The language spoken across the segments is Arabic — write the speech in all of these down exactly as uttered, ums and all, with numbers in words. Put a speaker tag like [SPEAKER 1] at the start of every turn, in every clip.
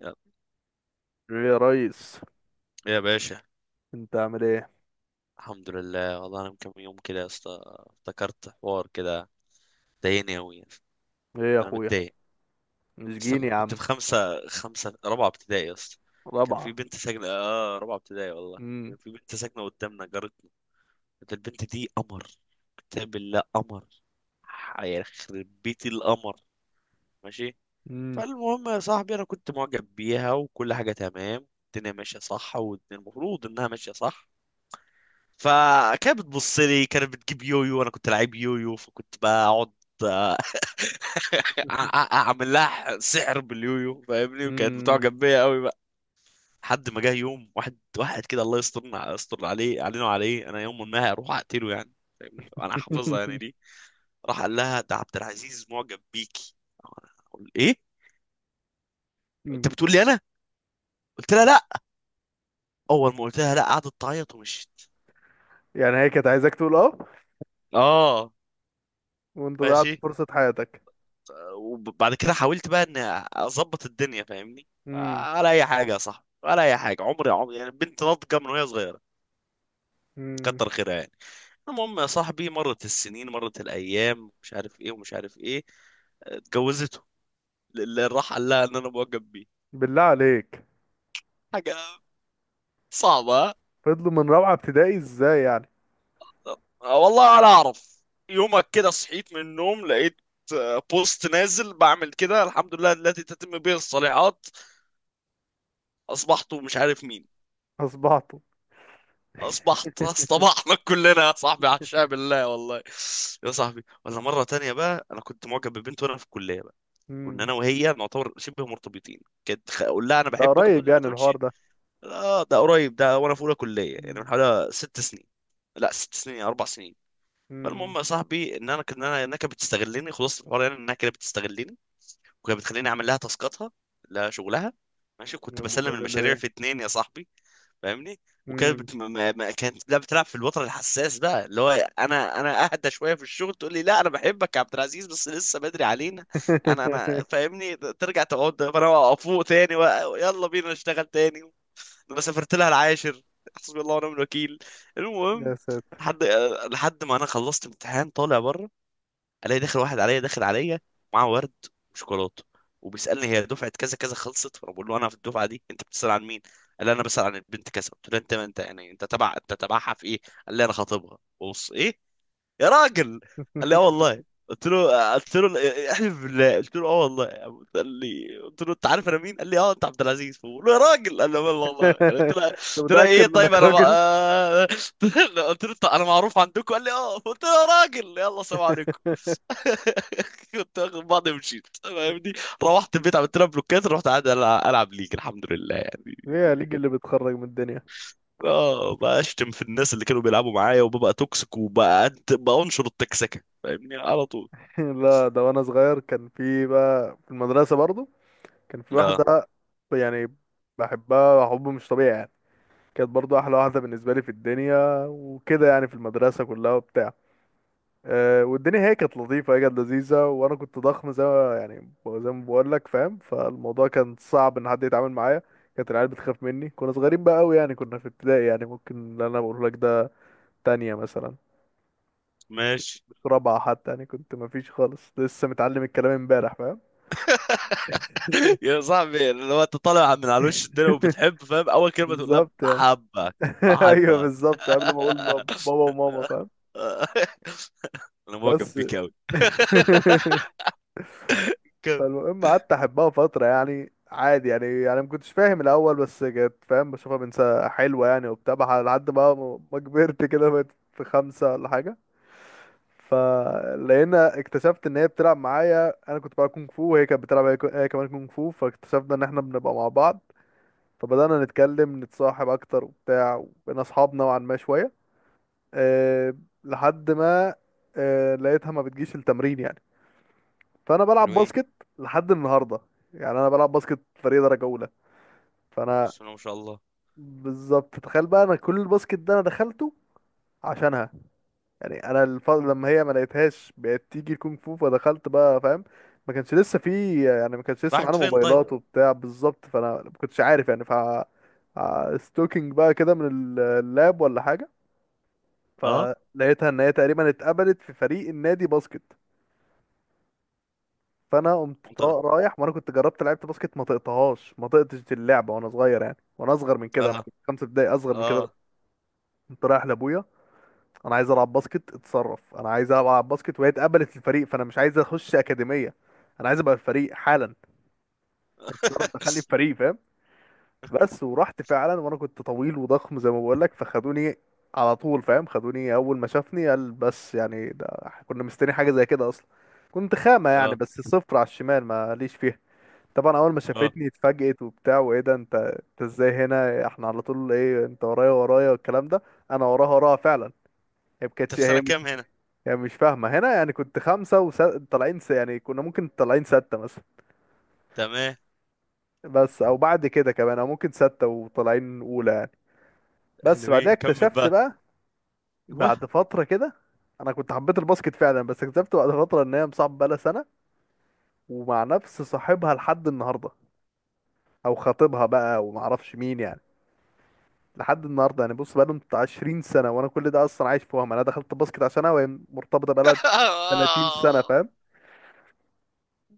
[SPEAKER 1] يا
[SPEAKER 2] ايه يا ريس،
[SPEAKER 1] يا باشا.
[SPEAKER 2] انت عامل ايه؟
[SPEAKER 1] الحمد لله، والله انا من كام يوم كده يا اسطى افتكرت حوار كده ضايقني قوي.
[SPEAKER 2] ايه يا
[SPEAKER 1] انا
[SPEAKER 2] اخويا.
[SPEAKER 1] متضايق.
[SPEAKER 2] مش
[SPEAKER 1] اصلا
[SPEAKER 2] جيني
[SPEAKER 1] انا
[SPEAKER 2] يا
[SPEAKER 1] كنت
[SPEAKER 2] عم.
[SPEAKER 1] في خمسة خمسة رابعة ابتدائي يا اسطى. كان في
[SPEAKER 2] رابعة.
[SPEAKER 1] بنت ساكنة اه رابعة ابتدائي، والله
[SPEAKER 2] امم
[SPEAKER 1] كان في بنت ساكنة قدامنا، جارتنا. كانت البنت دي قمر. كتاب الله قمر. هيخرب بيتي القمر. ماشي.
[SPEAKER 2] امم
[SPEAKER 1] فالمهم يا صاحبي، انا كنت معجب بيها وكل حاجة تمام، الدنيا ماشية صح والمفروض انها ماشية صح. فكانت بتبص لي، كانت بتجيب يويو وانا كنت لعيب يويو، فكنت بقعد آه، أع- أع- اعمل لها سحر باليويو، فاهمني، وكانت
[SPEAKER 2] امم
[SPEAKER 1] بتعجب بيا قوي بقى. لحد ما جه يوم، واحد واحد كده، الله يسترنا، يستر عليه علينا وعليه، انا يوم ما هروح اقتله يعني. فاهمني، انا حافظها يعني دي. راح قال لها ده عبد العزيز معجب بيكي. أنا أقول ايه؟ انت بتقول لي انا؟ قلت لها لا. اول ما قلت لها لا قعدت تعيط ومشيت.
[SPEAKER 2] يعني هي كانت عايزاك تقول اه،
[SPEAKER 1] اه،
[SPEAKER 2] وانت ضيعت
[SPEAKER 1] ماشي.
[SPEAKER 2] فرصة حياتك.
[SPEAKER 1] وبعد كده حاولت بقى ان اظبط الدنيا، فاهمني،
[SPEAKER 2] امم
[SPEAKER 1] ولا اي حاجه. يا صاحبي، ولا اي حاجه، عمري عمري يعني، بنت ناضجه من وهي صغيره.
[SPEAKER 2] امم
[SPEAKER 1] كتر خيرها يعني. المهم يا صاحبي، مرت السنين، مرت الايام، مش عارف ايه ومش عارف ايه. اتجوزته. اللي راح قال لها ان انا معجب بيه.
[SPEAKER 2] بالله عليك.
[SPEAKER 1] حاجه صعبه، ها؟
[SPEAKER 2] فضلوا من رابعة ابتدائي ازاي يعني؟
[SPEAKER 1] آه، والله ولا اعرف. يومك كده صحيت من النوم لقيت آه، بوست نازل بعمل كده. الحمد لله التي تتم به الصالحات. اصبحت مش عارف مين.
[SPEAKER 2] اصبحتوا.
[SPEAKER 1] اصبحت اصطبحنا كلنا يا صاحبي، عشاء بالله والله. يا صاحبي، ولا مره تانية بقى، انا كنت معجب ببنت وانا في الكليه بقى. كنا
[SPEAKER 2] امم
[SPEAKER 1] انا وهي نعتبر شبه مرتبطين. كنت خ- اقول لها انا
[SPEAKER 2] ده
[SPEAKER 1] بحبك وتقول
[SPEAKER 2] قريب
[SPEAKER 1] لي ما
[SPEAKER 2] يعني الحوار
[SPEAKER 1] تقولش.
[SPEAKER 2] ده؟
[SPEAKER 1] لا ده قريب، ده وانا في اولى كليه، يعني من
[SPEAKER 2] امم
[SPEAKER 1] حوالي ست سنين. لا، ست سنين اربع سنين.
[SPEAKER 2] امم
[SPEAKER 1] فالمهم يا صاحبي، ان انا كان انا انها كانت بتستغلني، خلاص الحوار يعني، انها كانت بتستغلني، وكانت بتخليني اعمل لها تاسكاتها، لها شغلها. ماشي، كنت
[SPEAKER 2] يا ابو
[SPEAKER 1] بسلم
[SPEAKER 2] ولاد
[SPEAKER 1] المشاريع
[SPEAKER 2] الايه.
[SPEAKER 1] في اتنين يا صاحبي. فاهمني. وكانت
[SPEAKER 2] امم
[SPEAKER 1] بت... ما... ما... كانت لا بتلعب في الوتر الحساس بقى، اللي هو انا انا اهدى شويه في الشغل، تقول لي لا انا بحبك يا عبد العزيز، بس لسه بدري علينا. انا انا فاهمني، ترجع تقعد انا فوق تاني و... يلا بينا نشتغل تاني. انا سافرت لها العاشر. حسبي الله ونعم الوكيل.
[SPEAKER 2] يا
[SPEAKER 1] المهم،
[SPEAKER 2] ساتر.
[SPEAKER 1] لحد لحد ما انا خلصت امتحان طالع بره، الاقي داخل واحد عليا، داخل عليا معاه ورد وشوكولاته، وبيسالني هي دفعه كذا كذا خلصت. فانا بقول له انا في الدفعه دي، انت بتسال عن مين؟ قال لي انا بسال عن البنت كذا. قلت له انت انت يعني، انت تبع انت تبعها في ايه؟ قال لي انا خاطبها. بص ايه يا راجل. قال لي اه والله. قلت له قلت له "إيه، احلف بالله". قلت له اه والله. قال لي، قلت له انت عارف انا مين؟ قال لي اه انت عبد العزيز. فبقول له يا راجل. قال لي والله والله يعني. قلت له
[SPEAKER 2] انت
[SPEAKER 1] قلت له ايه
[SPEAKER 2] متأكد من
[SPEAKER 1] طيب،
[SPEAKER 2] انك
[SPEAKER 1] انا ما...
[SPEAKER 2] راجل؟
[SPEAKER 1] آه، قلت له "أنت- انا معروف عندكم. قال لي اه. قلت له يا راجل، يلا سلام عليكم. كنت واخد بعضي ومشيت فاهمني. روحت البيت، عملت لها بلوكات، رحت قاعد ألع- العب ليج، الحمد لله يعني.
[SPEAKER 2] هي ليج اللي بتخرج من الدنيا؟
[SPEAKER 1] اه، بشتم في الناس اللي كانوا بيلعبوا معايا، وببقى توكسيك، وبقى بنشر التكسكه، فاهمني، على طول.
[SPEAKER 2] لا، ده وانا صغير كان في بقى في المدرسة برضو، كان في
[SPEAKER 1] اه،
[SPEAKER 2] واحدة يعني بحبها حب مش طبيعي يعني. كانت برضو احلى واحدة بالنسبة لي في الدنيا وكده يعني، في المدرسة كلها وبتاع. أه، والدنيا هي كانت لطيفة، هي كانت لذيذة، وانا كنت ضخم زي ما يعني زي ما بقول لك فاهم، فالموضوع كان صعب ان حد يتعامل معايا. كانت العيال بتخاف مني، كنا صغيرين بقى قوي يعني، كنا في ابتدائي يعني. ممكن اللي انا بقول لك ده تانية مثلا،
[SPEAKER 1] ماشي.
[SPEAKER 2] في رابعة حتى يعني. كنت مفيش خالص، لسه متعلم الكلام امبارح فاهم.
[SPEAKER 1] يا صاحبي، لو انت طالع من على وش الدنيا وبتحب، فاهم، اول كلمه تقول لها
[SPEAKER 2] بالظبط يعني.
[SPEAKER 1] بحبك
[SPEAKER 2] ايوه
[SPEAKER 1] بحبك.
[SPEAKER 2] بالظبط، قبل ما اقول باب- بابا وماما فاهم.
[SPEAKER 1] انا معجب
[SPEAKER 2] بس.
[SPEAKER 1] بيك قوي. كم؟
[SPEAKER 2] فالمهم قعدت احبها فترة يعني عادي يعني، يعني ما كنتش فاهم الاول بس كانت فاهم بشوفها بنت حلوة يعني وبتاع بح- لحد بقى ما ما كبرت كده بقيت في خمسة ولا حاجة. فلقينا اكتشفت ان هي بتلعب معايا. انا كنت بلعب كونغ فو وهي كانت بتلعب هي هي كمان كونغ فو، فاكتشفنا ان احنا بنبقى مع بعض. فبدأنا نتكلم نتصاحب أكتر وبتاع، وبقينا أصحاب نوعا ما شوية. أه، لحد ما أه لقيتها ما بتجيش التمرين يعني. فأنا بلعب
[SPEAKER 1] حلوين.
[SPEAKER 2] باسكت لحد النهاردة يعني، أنا بلعب باسكت فريق درجة أولى. فأنا
[SPEAKER 1] بسم الله ما شاء الله.
[SPEAKER 2] بالظبط تخيل بقى، أنا كل الباسكت ده أنا دخلته عشانها. يعني انا الفضل، لما هي ما لقيتهاش بقت تيجي الكونغ فو فدخلت بقى فاهم. ما كانش لسه في يعني ما كانش لسه
[SPEAKER 1] راحت
[SPEAKER 2] معانا
[SPEAKER 1] فين طيب؟
[SPEAKER 2] موبايلات وبتاع بالظبط، فانا ما كنتش عارف يعني ف ستوكينج بقى كده من ال- اللاب ولا حاجه.
[SPEAKER 1] اه،
[SPEAKER 2] فلقيتها ان هي تقريبا اتقبلت في فريق النادي باسكت. فانا قمت طا-
[SPEAKER 1] انت. اه،
[SPEAKER 2] رايح، وانا كنت جربت لعبت باسكت ما طقتهاش، ما طقتش اللعبه وانا صغير يعني، وانا اصغر من كده، انا كنت خمسة ابتدائي، اصغر من كده بقى.
[SPEAKER 1] اه،
[SPEAKER 2] كنت رايح لابويا. انا عايز العب باسكت، اتصرف، انا عايز العب باسكت، وهي اتقبلت الفريق، فانا مش عايز اخش اكاديميه، انا عايز ابقى الفريق حالا، اتصرف دخلني الفريق فاهم. بس ورحت فعلا، وانا كنت طويل وضخم زي ما بقول لك، فخدوني على طول فاهم. خدوني اول ما شافني قال بس يعني ده كنا مستني حاجه زي كده اصلا. كنت خامه يعني،
[SPEAKER 1] اه.
[SPEAKER 2] بس صفر على الشمال، ما ليش فيها. طبعا اول ما
[SPEAKER 1] اه،
[SPEAKER 2] شافتني اتفاجئت وبتاع، وايه ده، انت انت ازاي هنا احنا على طول ايه انت ورايا ورايا والكلام ده. انا وراها وراها فعلا، هي ما
[SPEAKER 1] انت
[SPEAKER 2] كانتش
[SPEAKER 1] في سنة
[SPEAKER 2] هي
[SPEAKER 1] كام هنا؟
[SPEAKER 2] يعني مش فاهمة هنا يعني. كنت خمسة وطالعين س... يعني، كنا ممكن طالعين ستة مثلا،
[SPEAKER 1] تمام.
[SPEAKER 2] بس أو بعد كده كمان، أو ممكن ستة وطالعين أولى يعني. بس بعدها
[SPEAKER 1] حلوين، كمل
[SPEAKER 2] اكتشفت
[SPEAKER 1] بقى.
[SPEAKER 2] بقى
[SPEAKER 1] ايوه.
[SPEAKER 2] بعد فترة كده، أنا كنت حبيت الباسكت فعلا، بس اكتشفت بعد فترة إن هي مصاحبة بقالها سنة ومع نفس صاحبها لحد النهاردة، أو خطيبها بقى ومعرفش مين يعني لحد النهاردة يعني. بص، بقالهم بتاع عشرين سنة، وأنا كل ده أصلا عايش في وهم. أنا دخلت الباسكت عشانها وهي مرتبطة بقالها ثلاثين سنة فاهم.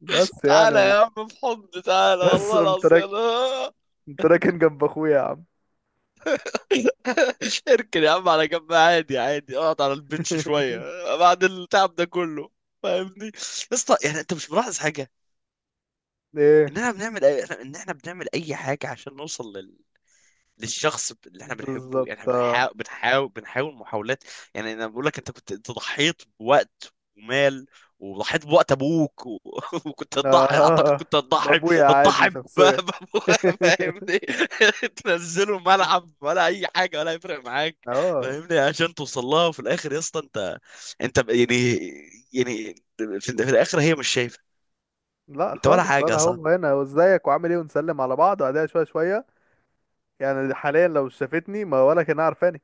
[SPEAKER 2] بس يعني
[SPEAKER 1] تعالى
[SPEAKER 2] و-
[SPEAKER 1] يا عم في حضن، تعالى
[SPEAKER 2] بس
[SPEAKER 1] والله
[SPEAKER 2] قمت.
[SPEAKER 1] العظيم، أنا-
[SPEAKER 2] انت راكن جنب اخويا يا عم.
[SPEAKER 1] اركن يا عم على جنب، عادي عادي، اقعد على البنش شوية بعد التعب ده كله. فاهمني يا اسطى، يعني انت مش ملاحظ حاجة؟
[SPEAKER 2] ايه؟
[SPEAKER 1] ان احنا بنعمل أي... ان احنا بنعمل اي حاجة عشان نوصل للشخص اللي احنا بنحبه، يعني
[SPEAKER 2] بالظبط.
[SPEAKER 1] احنا
[SPEAKER 2] اه.
[SPEAKER 1] بنحاول بنحاول بنحاول محاولات. يعني انا بقول لك، انت كنت انت ضحيت بوقت ومال، وضحيت بوقت ابوك و... وكنت هتضحي، اعتقد
[SPEAKER 2] اه،
[SPEAKER 1] كنت هتضحي،
[SPEAKER 2] بابويا
[SPEAKER 1] هتضحي
[SPEAKER 2] عادي
[SPEAKER 1] ب-
[SPEAKER 2] شخصيا.
[SPEAKER 1] ب- فاهمني. تنزله ملعب ولا اي حاجه، ولا هيفرق معاك،
[SPEAKER 2] اه.
[SPEAKER 1] فاهمني، عشان توصل لها. وفي الاخر يا اسطى، انت، انت ب- يعني، يعني في, في الاخر هي مش شايفه
[SPEAKER 2] لا
[SPEAKER 1] انت ولا
[SPEAKER 2] خالص،
[SPEAKER 1] حاجه يا
[SPEAKER 2] ولا
[SPEAKER 1] صاحبي.
[SPEAKER 2] هو هنا وازيك وعامل ايه ونسلم على بعض، وبعدها شويه شويه. يعني حاليا لو شافتني ما ولا كان عارفاني.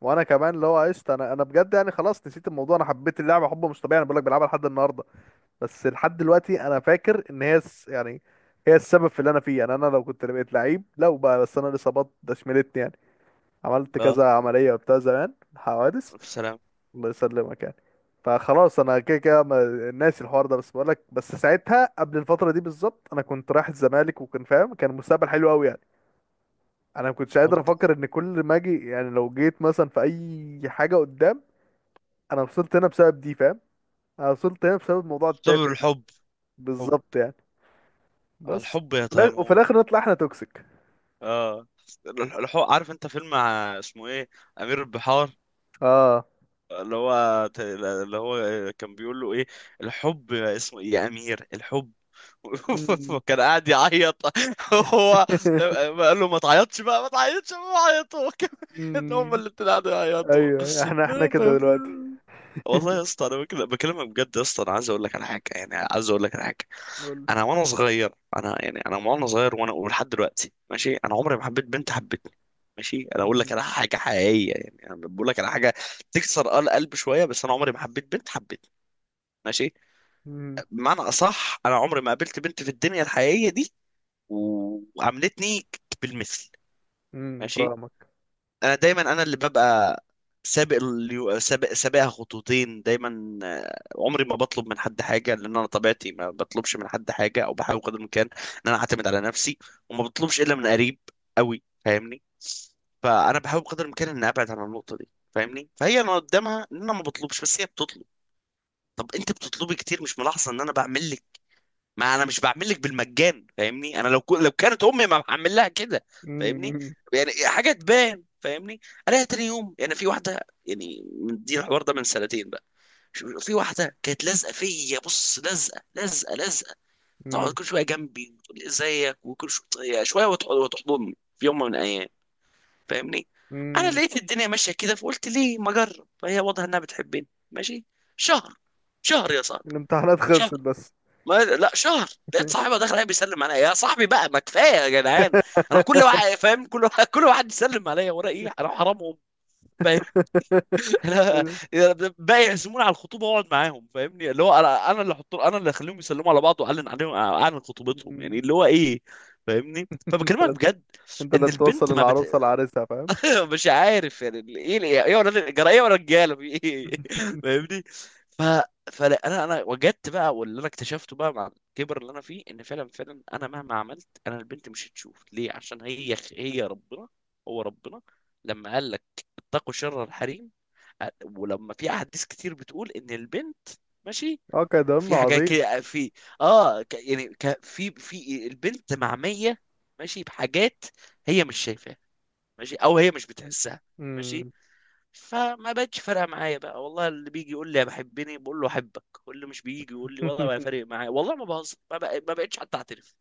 [SPEAKER 2] وانا كمان اللي هو قشطه، انا انا بجد يعني خلاص نسيت الموضوع، انا حبيت اللعبه حب مش طبيعي، انا بقول لك بلعبها لحد النهارده. بس لحد دلوقتي انا فاكر ان هي الس- يعني، هي السبب في اللي انا فيه يعني. انا لو كنت بقيت لعيب، لو بقى، بس انا الاصابات ده شملتني يعني، عملت
[SPEAKER 1] اه.
[SPEAKER 2] كذا عملية وبتاع، زمان حوادث.
[SPEAKER 1] السلام.
[SPEAKER 2] الله يسلمك يعني. فخلاص انا كده كده ما- ناسي الحوار ده، بس بقولك بس ساعتها قبل الفترة دي بالظبط انا كنت رايح الزمالك، وكان فاهم كان مستقبل حلو قوي يعني. انا ما كنتش
[SPEAKER 1] طب.
[SPEAKER 2] قادر افكر ان كل ما اجي يعني، لو جيت مثلا في اي حاجة قدام. انا وصلت هنا بسبب دي فاهم، انا وصلت هنا بسبب الموضوع
[SPEAKER 1] سبب
[SPEAKER 2] التافه ده.
[SPEAKER 1] الحب. حب.
[SPEAKER 2] بالظبط يعني. بس.
[SPEAKER 1] الحب يا
[SPEAKER 2] وفي الآ- وفي
[SPEAKER 1] تيمور.
[SPEAKER 2] الاخر نطلع احنا توكسيك.
[SPEAKER 1] اه. الحوار، عارف انت فيلم ع- اسمه ايه؟ امير البحار.
[SPEAKER 2] اه.
[SPEAKER 1] اللي هو ت- اللي هو كان بيقول له ايه، الحب اسمه ايه يا امير الحب.
[SPEAKER 2] مم.
[SPEAKER 1] كان قاعد يعيط. هو قال له ما تعيطش بقى، ما تعيطش، ما عيطوا هو كمان. هم
[SPEAKER 2] مم.
[SPEAKER 1] اللي قاعدوا يعيطوا.
[SPEAKER 2] ايوه، احنا احنا كده دلوقتي.
[SPEAKER 1] والله يا اسطى انا بكلم- بكلمك بجد، يا اسطى انا عايز اقول لك على حاجه، يعني عايز اقول لك على حاجه.
[SPEAKER 2] قول
[SPEAKER 1] انا وانا صغير، انا يعني، انا وانا صغير، وانا ولحد دلوقتي، ماشي، انا عمري ما حبيت بنت حبتني. ماشي. انا اقول لك
[SPEAKER 2] لي.
[SPEAKER 1] على حاجه حقيقيه يعني، انا بقول لك على حاجه تكسر آه القلب شويه. بس انا عمري ما حبيت بنت حبتني. ماشي.
[SPEAKER 2] امم
[SPEAKER 1] بمعنى اصح، انا عمري ما قابلت بنت في الدنيا الحقيقيه دي و- وعاملتني بالمثل.
[SPEAKER 2] امم
[SPEAKER 1] ماشي.
[SPEAKER 2] فاهمك.
[SPEAKER 1] انا دايما انا اللي ببقى سابق اليو... سابق سابقها خطوتين دايما. آه، عمري ما بطلب من حد حاجه، لان انا طبيعتي ما بطلبش من حد حاجه، او بحاول قدر الامكان ان انا اعتمد على نفسي، وما بطلبش الا من قريب قوي، فاهمني. فانا بحاول قدر الامكان ان ابعد عن النقطه دي، فاهمني. فهي انا قدامها ان انا ما بطلبش، بس هي بتطلب. طب انت بتطلبي كتير، مش ملاحظه ان انا بعمل؟ ما انا مش بعمل لك بالمجان فاهمني، انا لو كو... لو كانت امي ما بعمل لها كده، فاهمني،
[SPEAKER 2] امم
[SPEAKER 1] يعني حاجه تبان فاهمني. الاقي تاني يوم يعني في واحده، يعني من دي الحوار ده من سنتين بقى، شو- في واحده كانت لازقه فيا، بص، لازقه لازقه لازقه، تقعد
[SPEAKER 2] امم
[SPEAKER 1] كل شويه جنبي وتقول لي ازيك، وكل شويه شويه وتح- وتحضني في يوم من الايام فاهمني. انا
[SPEAKER 2] امم
[SPEAKER 1] لقيت الدنيا ماشيه كده، فقلت ليه ما اجرب، فهي واضحه انها بتحبني، ماشي. شهر، شهر يا صاحبي،
[SPEAKER 2] الامتحانات
[SPEAKER 1] شهر،
[SPEAKER 2] خلصت بس.
[SPEAKER 1] ما لا شهر، لقيت صاحبها داخل عليا بيسلم عليا. يا صاحبي بقى، ما كفايه يا جدعان، انا كل واحد فاهم، كل واحد كل واحد يسلم عليا، ورا ايه؟ انا حرامهم، فاهم؟ انا باقي يعزموني على الخطوبه واقعد معاهم، فاهمني، اللي هو انا انا اللي احط، انا اللي اخليهم يسلموا على بعض، واعلن عليهم، اعلن خطوبتهم، يعني
[SPEAKER 2] مم.
[SPEAKER 1] اللي هو ايه، فاهمني. فبكلمك
[SPEAKER 2] انت،
[SPEAKER 1] بجد
[SPEAKER 2] انت اللي
[SPEAKER 1] ان
[SPEAKER 2] توصل
[SPEAKER 1] البنت ما بت...
[SPEAKER 2] العروسه لعريسها فاهم.
[SPEAKER 1] مش عارف يعني ال- ايه، ال- ايه، ولا الجرايه ولا الرجاله في ايه. فاهمني. ف فانا، انا أنا وجدت بقى، واللي انا اكتشفته بقى مع الكبر اللي انا فيه، ان فعلا فعلا انا مهما عملت، انا البنت مش هتشوف ليه، عشان هي هي ربنا، هو ربنا، لما قال لك اتقوا شر الحريم، أ- ولما في احاديث كتير بتقول ان البنت، ماشي،
[SPEAKER 2] اه كده
[SPEAKER 1] في حاجات
[SPEAKER 2] عظيم.
[SPEAKER 1] كده. في، اه، ك- يعني ك- في في البنت معميه، ماشي، بحاجات هي مش شايفاها، ماشي، او هي مش بتحسها، ماشي.
[SPEAKER 2] مم.
[SPEAKER 1] فما بقتش فارقه معايا بقى، والله اللي بيجي يقول لي يا بحبني بقول له احبك، واللي مش بيجي يقول لي والله ما فارق معايا، والله ما بهزر، ما بق- ما بقتش حتى اعترف.